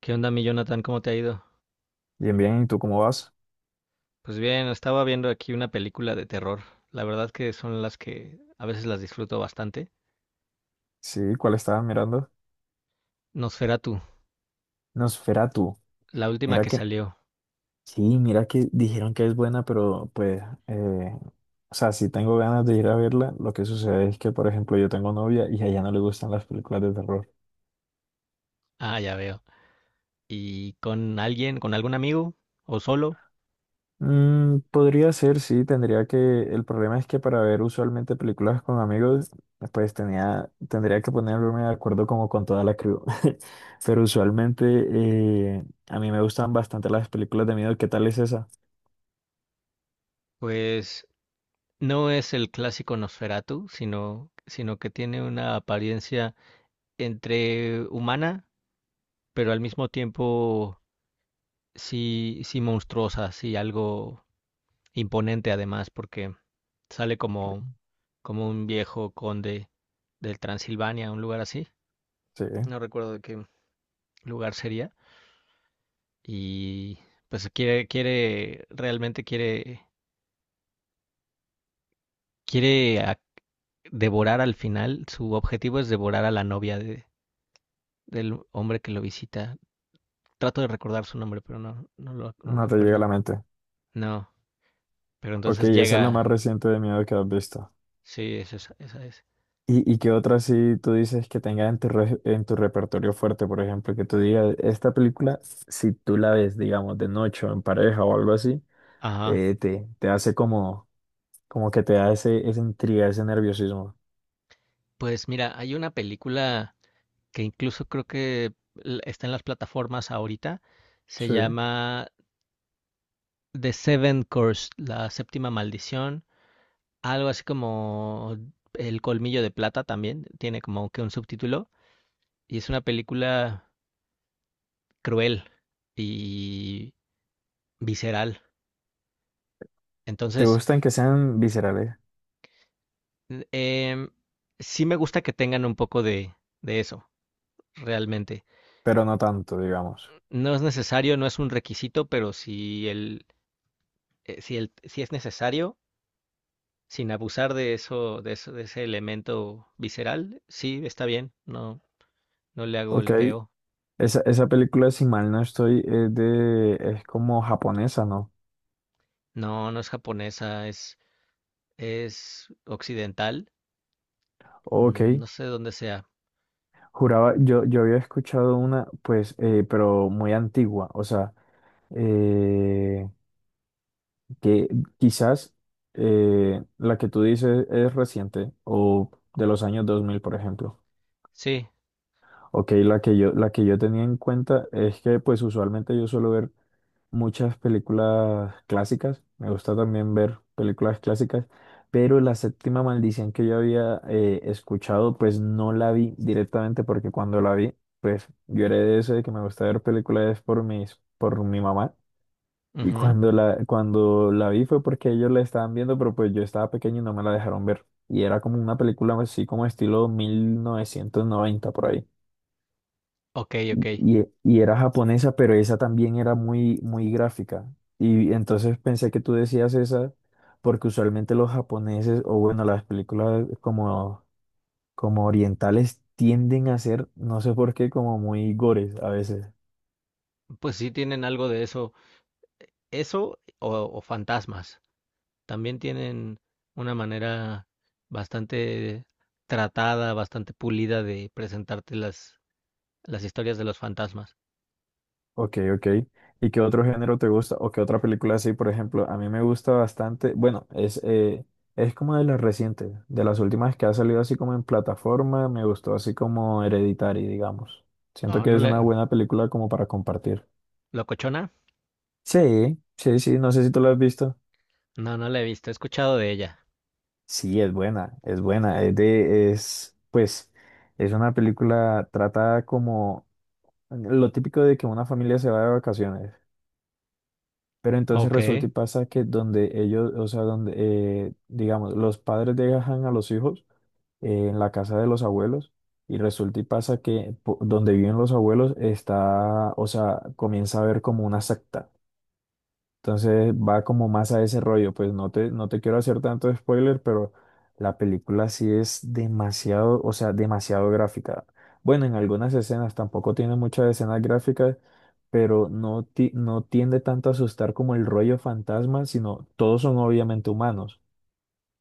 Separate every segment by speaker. Speaker 1: ¿Qué onda, mi Jonathan? ¿Cómo te ha ido?
Speaker 2: Bien, bien, ¿y tú cómo vas?
Speaker 1: Pues bien, estaba viendo aquí una película de terror. La verdad que son las que a veces las disfruto bastante.
Speaker 2: Sí, ¿cuál estabas mirando?
Speaker 1: Nosferatu,
Speaker 2: Nosferatu.
Speaker 1: la última
Speaker 2: Mira
Speaker 1: que
Speaker 2: que,
Speaker 1: salió.
Speaker 2: sí, mira que dijeron que es buena, pero pues, eh, o sea, si tengo ganas de ir a verla. Lo que sucede es que, por ejemplo, yo tengo novia y a ella no le gustan las películas de terror.
Speaker 1: Ah, ya veo. ¿Y con alguien, con algún amigo o solo?
Speaker 2: Podría ser, sí, el problema es que para ver usualmente películas con amigos, pues tendría que ponerme de acuerdo como con toda la crew. Pero usualmente a mí me gustan bastante las películas de miedo. ¿Qué tal es esa?
Speaker 1: Pues no es el clásico Nosferatu, sino que tiene una apariencia entre humana, pero al mismo tiempo sí, sí monstruosa, sí algo imponente además, porque sale como como un viejo conde del Transilvania, un lugar así,
Speaker 2: Sí.
Speaker 1: no recuerdo de qué lugar sería, y pues quiere, quiere, realmente quiere, quiere a- devorar al final, su objetivo es devorar a la novia de, del hombre que lo visita. Trato de recordar su nombre, pero no me
Speaker 2: No te llega a
Speaker 1: acuerdo.
Speaker 2: la mente.
Speaker 1: No, pero
Speaker 2: Ok,
Speaker 1: entonces
Speaker 2: esa es la más
Speaker 1: llega,
Speaker 2: reciente de miedo que has visto.
Speaker 1: sí, es esa, esa es.
Speaker 2: ¿Y qué otra sí tú dices que tenga en tu repertorio fuerte, por ejemplo, que tú digas, esta película, si tú la ves, digamos, de noche o en pareja o algo así,
Speaker 1: Ajá.
Speaker 2: te hace como, que te da esa intriga, ese nerviosismo?
Speaker 1: Pues mira, hay una película que incluso creo que está en las plataformas ahorita, se
Speaker 2: Sí.
Speaker 1: llama The Seven Curse, la séptima maldición, algo así como El colmillo de plata también, tiene como que un subtítulo, y es una película cruel y visceral.
Speaker 2: Te
Speaker 1: Entonces,
Speaker 2: gustan que sean viscerales,
Speaker 1: eh, sí me gusta que tengan un poco de eso, realmente.
Speaker 2: pero no tanto, digamos.
Speaker 1: No es necesario, no es un requisito, pero si es necesario, sin abusar de eso, de ese elemento visceral, sí, está bien, no, no le hago
Speaker 2: Ok,
Speaker 1: el feo.
Speaker 2: esa película, si mal no estoy, es como japonesa, ¿no?
Speaker 1: No, no es japonesa, es occidental.
Speaker 2: Ok.
Speaker 1: No sé dónde sea.
Speaker 2: Juraba, yo había escuchado una, pues, pero muy antigua, o sea, eh, que quizás la que tú dices es reciente o de los años 2000, por ejemplo.
Speaker 1: Sí.
Speaker 2: Ok, la que yo tenía en cuenta es que pues usualmente yo suelo ver muchas películas clásicas, me gusta también ver películas clásicas, pero la séptima maldición que yo había escuchado pues no la vi directamente porque cuando la vi pues yo era de ese de que me gusta ver películas por por mi mamá y
Speaker 1: Ujú.
Speaker 2: cuando la vi fue porque ellos la estaban viendo pero pues yo estaba pequeño y no me la dejaron ver y era como una película así como estilo 1990 por ahí.
Speaker 1: Ok, ok.
Speaker 2: Y era japonesa, pero esa también era muy, muy gráfica. Y entonces pensé que tú decías esa, porque usualmente los japoneses, o bueno, las películas como orientales tienden a ser, no sé por qué, como muy gores a veces.
Speaker 1: Pues sí tienen algo de eso. Eso o fantasmas. También tienen una manera bastante tratada, bastante pulida de presentarte las historias de los fantasmas.
Speaker 2: Ok, ok. ¿Y qué otro género te gusta? ¿O qué otra película así, por ejemplo? A mí me gusta bastante, bueno, es como de las recientes, de las últimas que ha salido así como en plataforma, me gustó así como Hereditary, digamos. Siento
Speaker 1: No,
Speaker 2: que
Speaker 1: no
Speaker 2: es una
Speaker 1: le...
Speaker 2: buena película como para compartir.
Speaker 1: ¿Locochona?
Speaker 2: Sí, sí, sí, no sé si tú la has visto.
Speaker 1: No, no la he visto. He escuchado de ella.
Speaker 2: Sí, es buena, es buena. Pues, es una película tratada como lo típico de que una familia se va de vacaciones. Pero entonces
Speaker 1: Ok.
Speaker 2: resulta y pasa que donde ellos, o sea, donde, digamos, los padres dejan a los hijos en la casa de los abuelos y resulta y pasa que donde viven los abuelos está, o sea, comienza a haber como una secta. Entonces va como más a ese rollo, pues no te quiero hacer tanto spoiler, pero la película sí es demasiado, o sea, demasiado gráfica. Bueno, en algunas escenas tampoco tiene muchas escenas gráficas, pero no, no tiende tanto a asustar como el rollo fantasma, sino todos son obviamente humanos.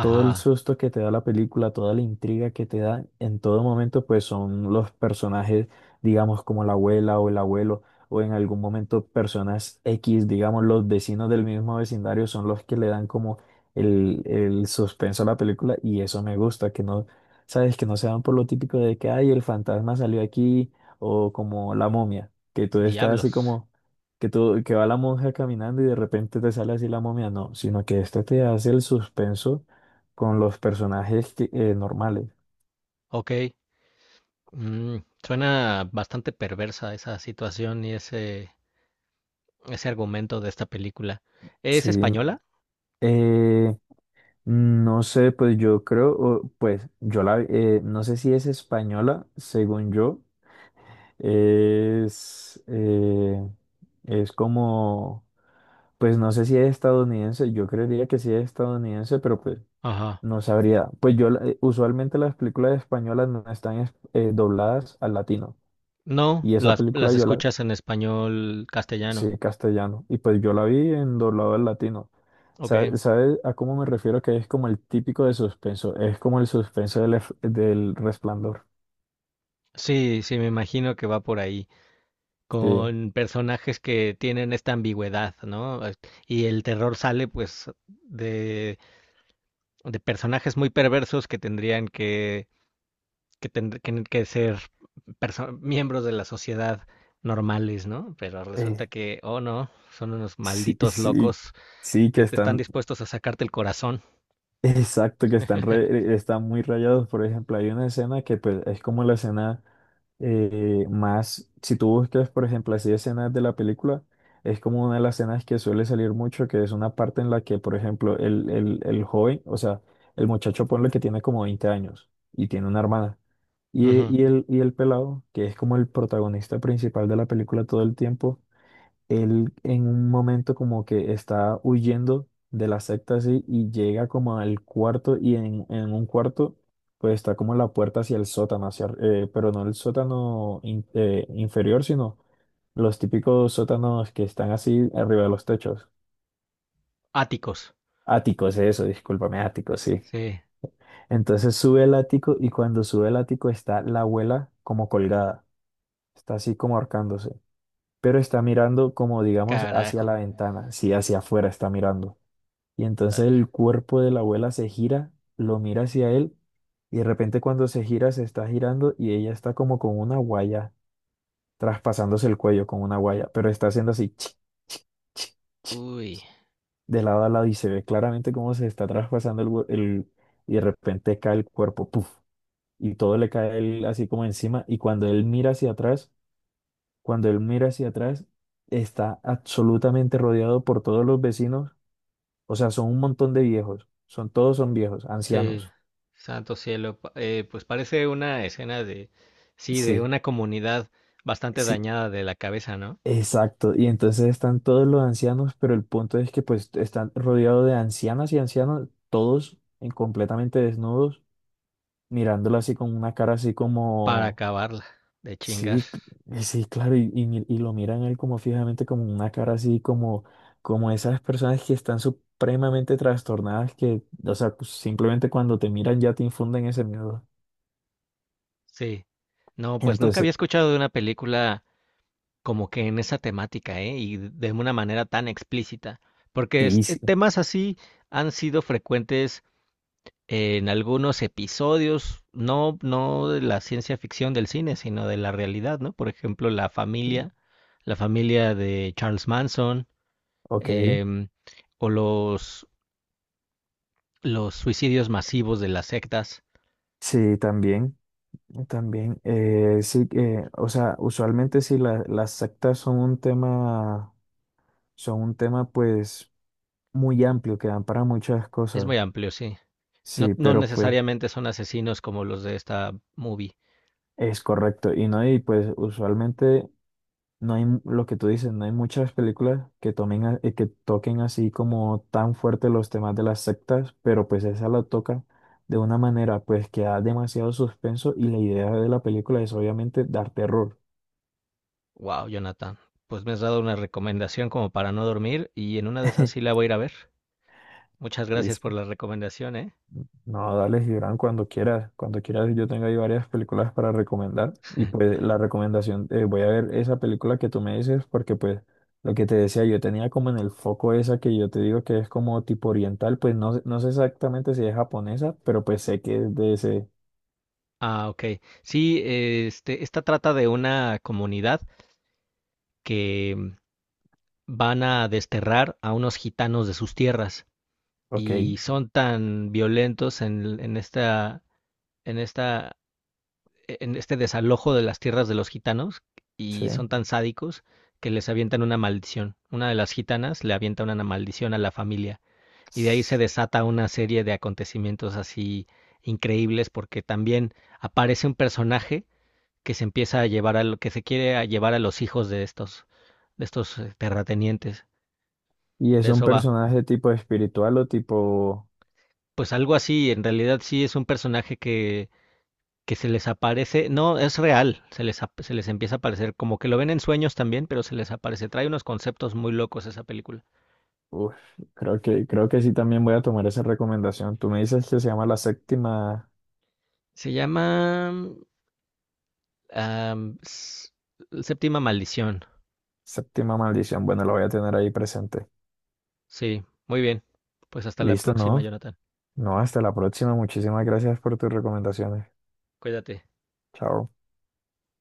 Speaker 2: Todo el
Speaker 1: Ajá.
Speaker 2: susto que te da la película, toda la intriga que te da en todo momento, pues son los personajes, digamos, como la abuela o el abuelo, o en algún momento personas X, digamos, los vecinos del mismo vecindario son los que le dan como el suspenso a la película y eso me gusta, que no, sabes, que no se van por lo típico de que, ay, el fantasma salió aquí o como la momia, que tú estás así
Speaker 1: Diablos.
Speaker 2: como... Que, tú, que va la monja caminando y de repente te sale así la momia, no, sino que este te hace el suspenso con los personajes normales.
Speaker 1: Ok. Mm, suena bastante perversa esa situación y ese argumento de esta película. ¿Es
Speaker 2: Sí.
Speaker 1: española?
Speaker 2: Eh, no sé, pues yo creo, pues no sé si es española, según yo, es, eh, es como, pues no sé si es estadounidense, yo creería que sí es estadounidense, pero pues
Speaker 1: Ajá.
Speaker 2: no sabría. Pues yo, usualmente las películas españolas no están dobladas al latino,
Speaker 1: No,
Speaker 2: y esa película.
Speaker 1: las escuchas en español castellano.
Speaker 2: Sí, castellano. Y pues yo la vi en doblado al latino.
Speaker 1: Ok.
Speaker 2: ¿Sabes a cómo me refiero? Que es como el típico de suspenso. Es como el suspenso del Resplandor.
Speaker 1: Sí, sí, me imagino que va por ahí,
Speaker 2: Sí.
Speaker 1: con personajes que tienen esta ambigüedad, ¿no? Y el terror sale pues de, de personajes muy perversos que tendrían que, que ser miembros de la sociedad normales, ¿no? Pero
Speaker 2: Sí.
Speaker 1: resulta que, oh no, son unos
Speaker 2: Sí,
Speaker 1: malditos
Speaker 2: sí,
Speaker 1: locos
Speaker 2: sí, que
Speaker 1: que te están
Speaker 2: están.
Speaker 1: dispuestos a sacarte el corazón.
Speaker 2: Exacto, que están muy rayados. Por ejemplo, hay una escena que pues, es como la escena más, si tú buscas, por ejemplo, así escenas de la película, es como una de las escenas que suele salir mucho, que es una parte en la que, por ejemplo, el joven, o sea, el muchacho ponle que tiene como 20 años y tiene una hermana. Y,
Speaker 1: Ujú.
Speaker 2: y, el, y el pelado, que es como el protagonista principal de la película todo el tiempo, él en un momento como que está huyendo de la secta así y llega como al cuarto y en un cuarto pues está como la puerta hacia el sótano, hacia, pero no el sótano inferior, sino los típicos sótanos que están así arriba de los techos.
Speaker 1: Áticos.
Speaker 2: Áticos, eso, discúlpame, áticos, sí.
Speaker 1: Sí,
Speaker 2: Entonces sube el ático y cuando sube el ático está la abuela como colgada, está así como ahorcándose, pero está mirando como digamos hacia
Speaker 1: carajo.
Speaker 2: la ventana, sí, hacia afuera está mirando. Y entonces
Speaker 1: Órale.
Speaker 2: el cuerpo de la abuela se gira, lo mira hacia él y de repente cuando se gira se está girando y ella está como con una guaya, traspasándose el cuello con una guaya, pero está haciendo así chic, chic, chic,
Speaker 1: Uy.
Speaker 2: de lado a lado y se ve claramente cómo se está traspasando el, hue- el- y de repente cae el cuerpo, puff, y todo le cae a él así como encima y cuando él mira hacia atrás, cuando él mira hacia atrás, está absolutamente rodeado por todos los vecinos, o sea, son un montón de viejos, son todos son viejos,
Speaker 1: Sí,
Speaker 2: ancianos.
Speaker 1: santo cielo. Pues parece una escena de, sí, de
Speaker 2: Sí,
Speaker 1: una comunidad bastante
Speaker 2: sí,
Speaker 1: dañada de la cabeza, ¿no?
Speaker 2: exacto. Y entonces están todos los ancianos, pero el punto es que pues están rodeados de ancianas y ancianos, todos en completamente desnudos, mirándolo así con una cara así
Speaker 1: Para
Speaker 2: como,
Speaker 1: acabarla, de chingar.
Speaker 2: sí, sí, claro, y lo miran a él como fijamente, como una cara así como, como esas personas que están supremamente trastornadas, que, o sea, pues, simplemente cuando te miran ya te infunden ese miedo.
Speaker 1: Sí. No, pues nunca había
Speaker 2: Entonces,
Speaker 1: escuchado de una película como que en esa temática, ¿eh? Y de una manera tan explícita. Porque
Speaker 2: sí, sí,
Speaker 1: temas así han sido frecuentes en algunos episodios, no, no de la ciencia ficción del cine, sino de la realidad, ¿no? Por ejemplo,
Speaker 2: sí,
Speaker 1: la familia de Charles Manson,
Speaker 2: ok,
Speaker 1: em, o los suicidios masivos de las sectas.
Speaker 2: sí, también. También, sí que, o sea, usualmente sí las sectas son un tema, pues muy amplio, que dan para muchas
Speaker 1: Es muy
Speaker 2: cosas.
Speaker 1: amplio, sí. No,
Speaker 2: Sí,
Speaker 1: no
Speaker 2: pero pues
Speaker 1: necesariamente son asesinos como los de esta movie.
Speaker 2: es correcto. Y no, y pues usualmente no hay lo que tú dices, no hay muchas películas que tomen, que toquen así como tan fuerte los temas de las sectas, pero pues esa la toca de una manera pues que da demasiado suspenso y la idea de la película es obviamente dar terror.
Speaker 1: Wow, Jonathan. Pues me has dado una recomendación como para no dormir y en una de esas sí la voy a ir a ver. Muchas gracias por
Speaker 2: Listo.
Speaker 1: la recomendación, ¿eh?
Speaker 2: No, dale, Gibran, cuando quieras. Cuando quieras, yo tengo ahí varias películas para recomendar. Y pues la recomendación, voy a ver esa película que tú me dices, porque pues lo que te decía, yo tenía como en el foco esa que yo te digo que es como tipo oriental, pues no, no sé exactamente si es japonesa, pero pues sé que es de ese.
Speaker 1: Ah, ok. Sí, esta trata de una comunidad que mm, van a desterrar a unos gitanos de sus tierras
Speaker 2: Ok,
Speaker 1: y son tan violentos en esta, en esta, en este desalojo de las tierras de los gitanos y
Speaker 2: sí.
Speaker 1: son tan sádicos que les avientan una maldición. Una de las gitanas le avienta una maldición a la familia y de ahí se desata una serie de acontecimientos así increíbles porque también aparece un personaje que se empieza a llevar a lo que se quiere a llevar a los hijos de estos terratenientes.
Speaker 2: Y es
Speaker 1: De
Speaker 2: un
Speaker 1: eso va.
Speaker 2: personaje tipo espiritual o tipo...
Speaker 1: Pues algo así, en realidad sí es un personaje que se les aparece, no, es real, se les empieza a aparecer, como que lo ven en sueños también, pero se les aparece, trae unos conceptos muy locos esa película.
Speaker 2: Uf, creo que sí también voy a tomar esa recomendación. Tú me dices que se llama La Séptima,
Speaker 1: Se llama am, S- Séptima Maldición,
Speaker 2: Séptima Maldición. Bueno, lo voy a tener ahí presente.
Speaker 1: sí, muy bien, pues hasta la
Speaker 2: Listo,
Speaker 1: próxima,
Speaker 2: no.
Speaker 1: Jonathan,
Speaker 2: No, hasta la próxima. Muchísimas gracias por tus recomendaciones.
Speaker 1: cuídate.
Speaker 2: Chao.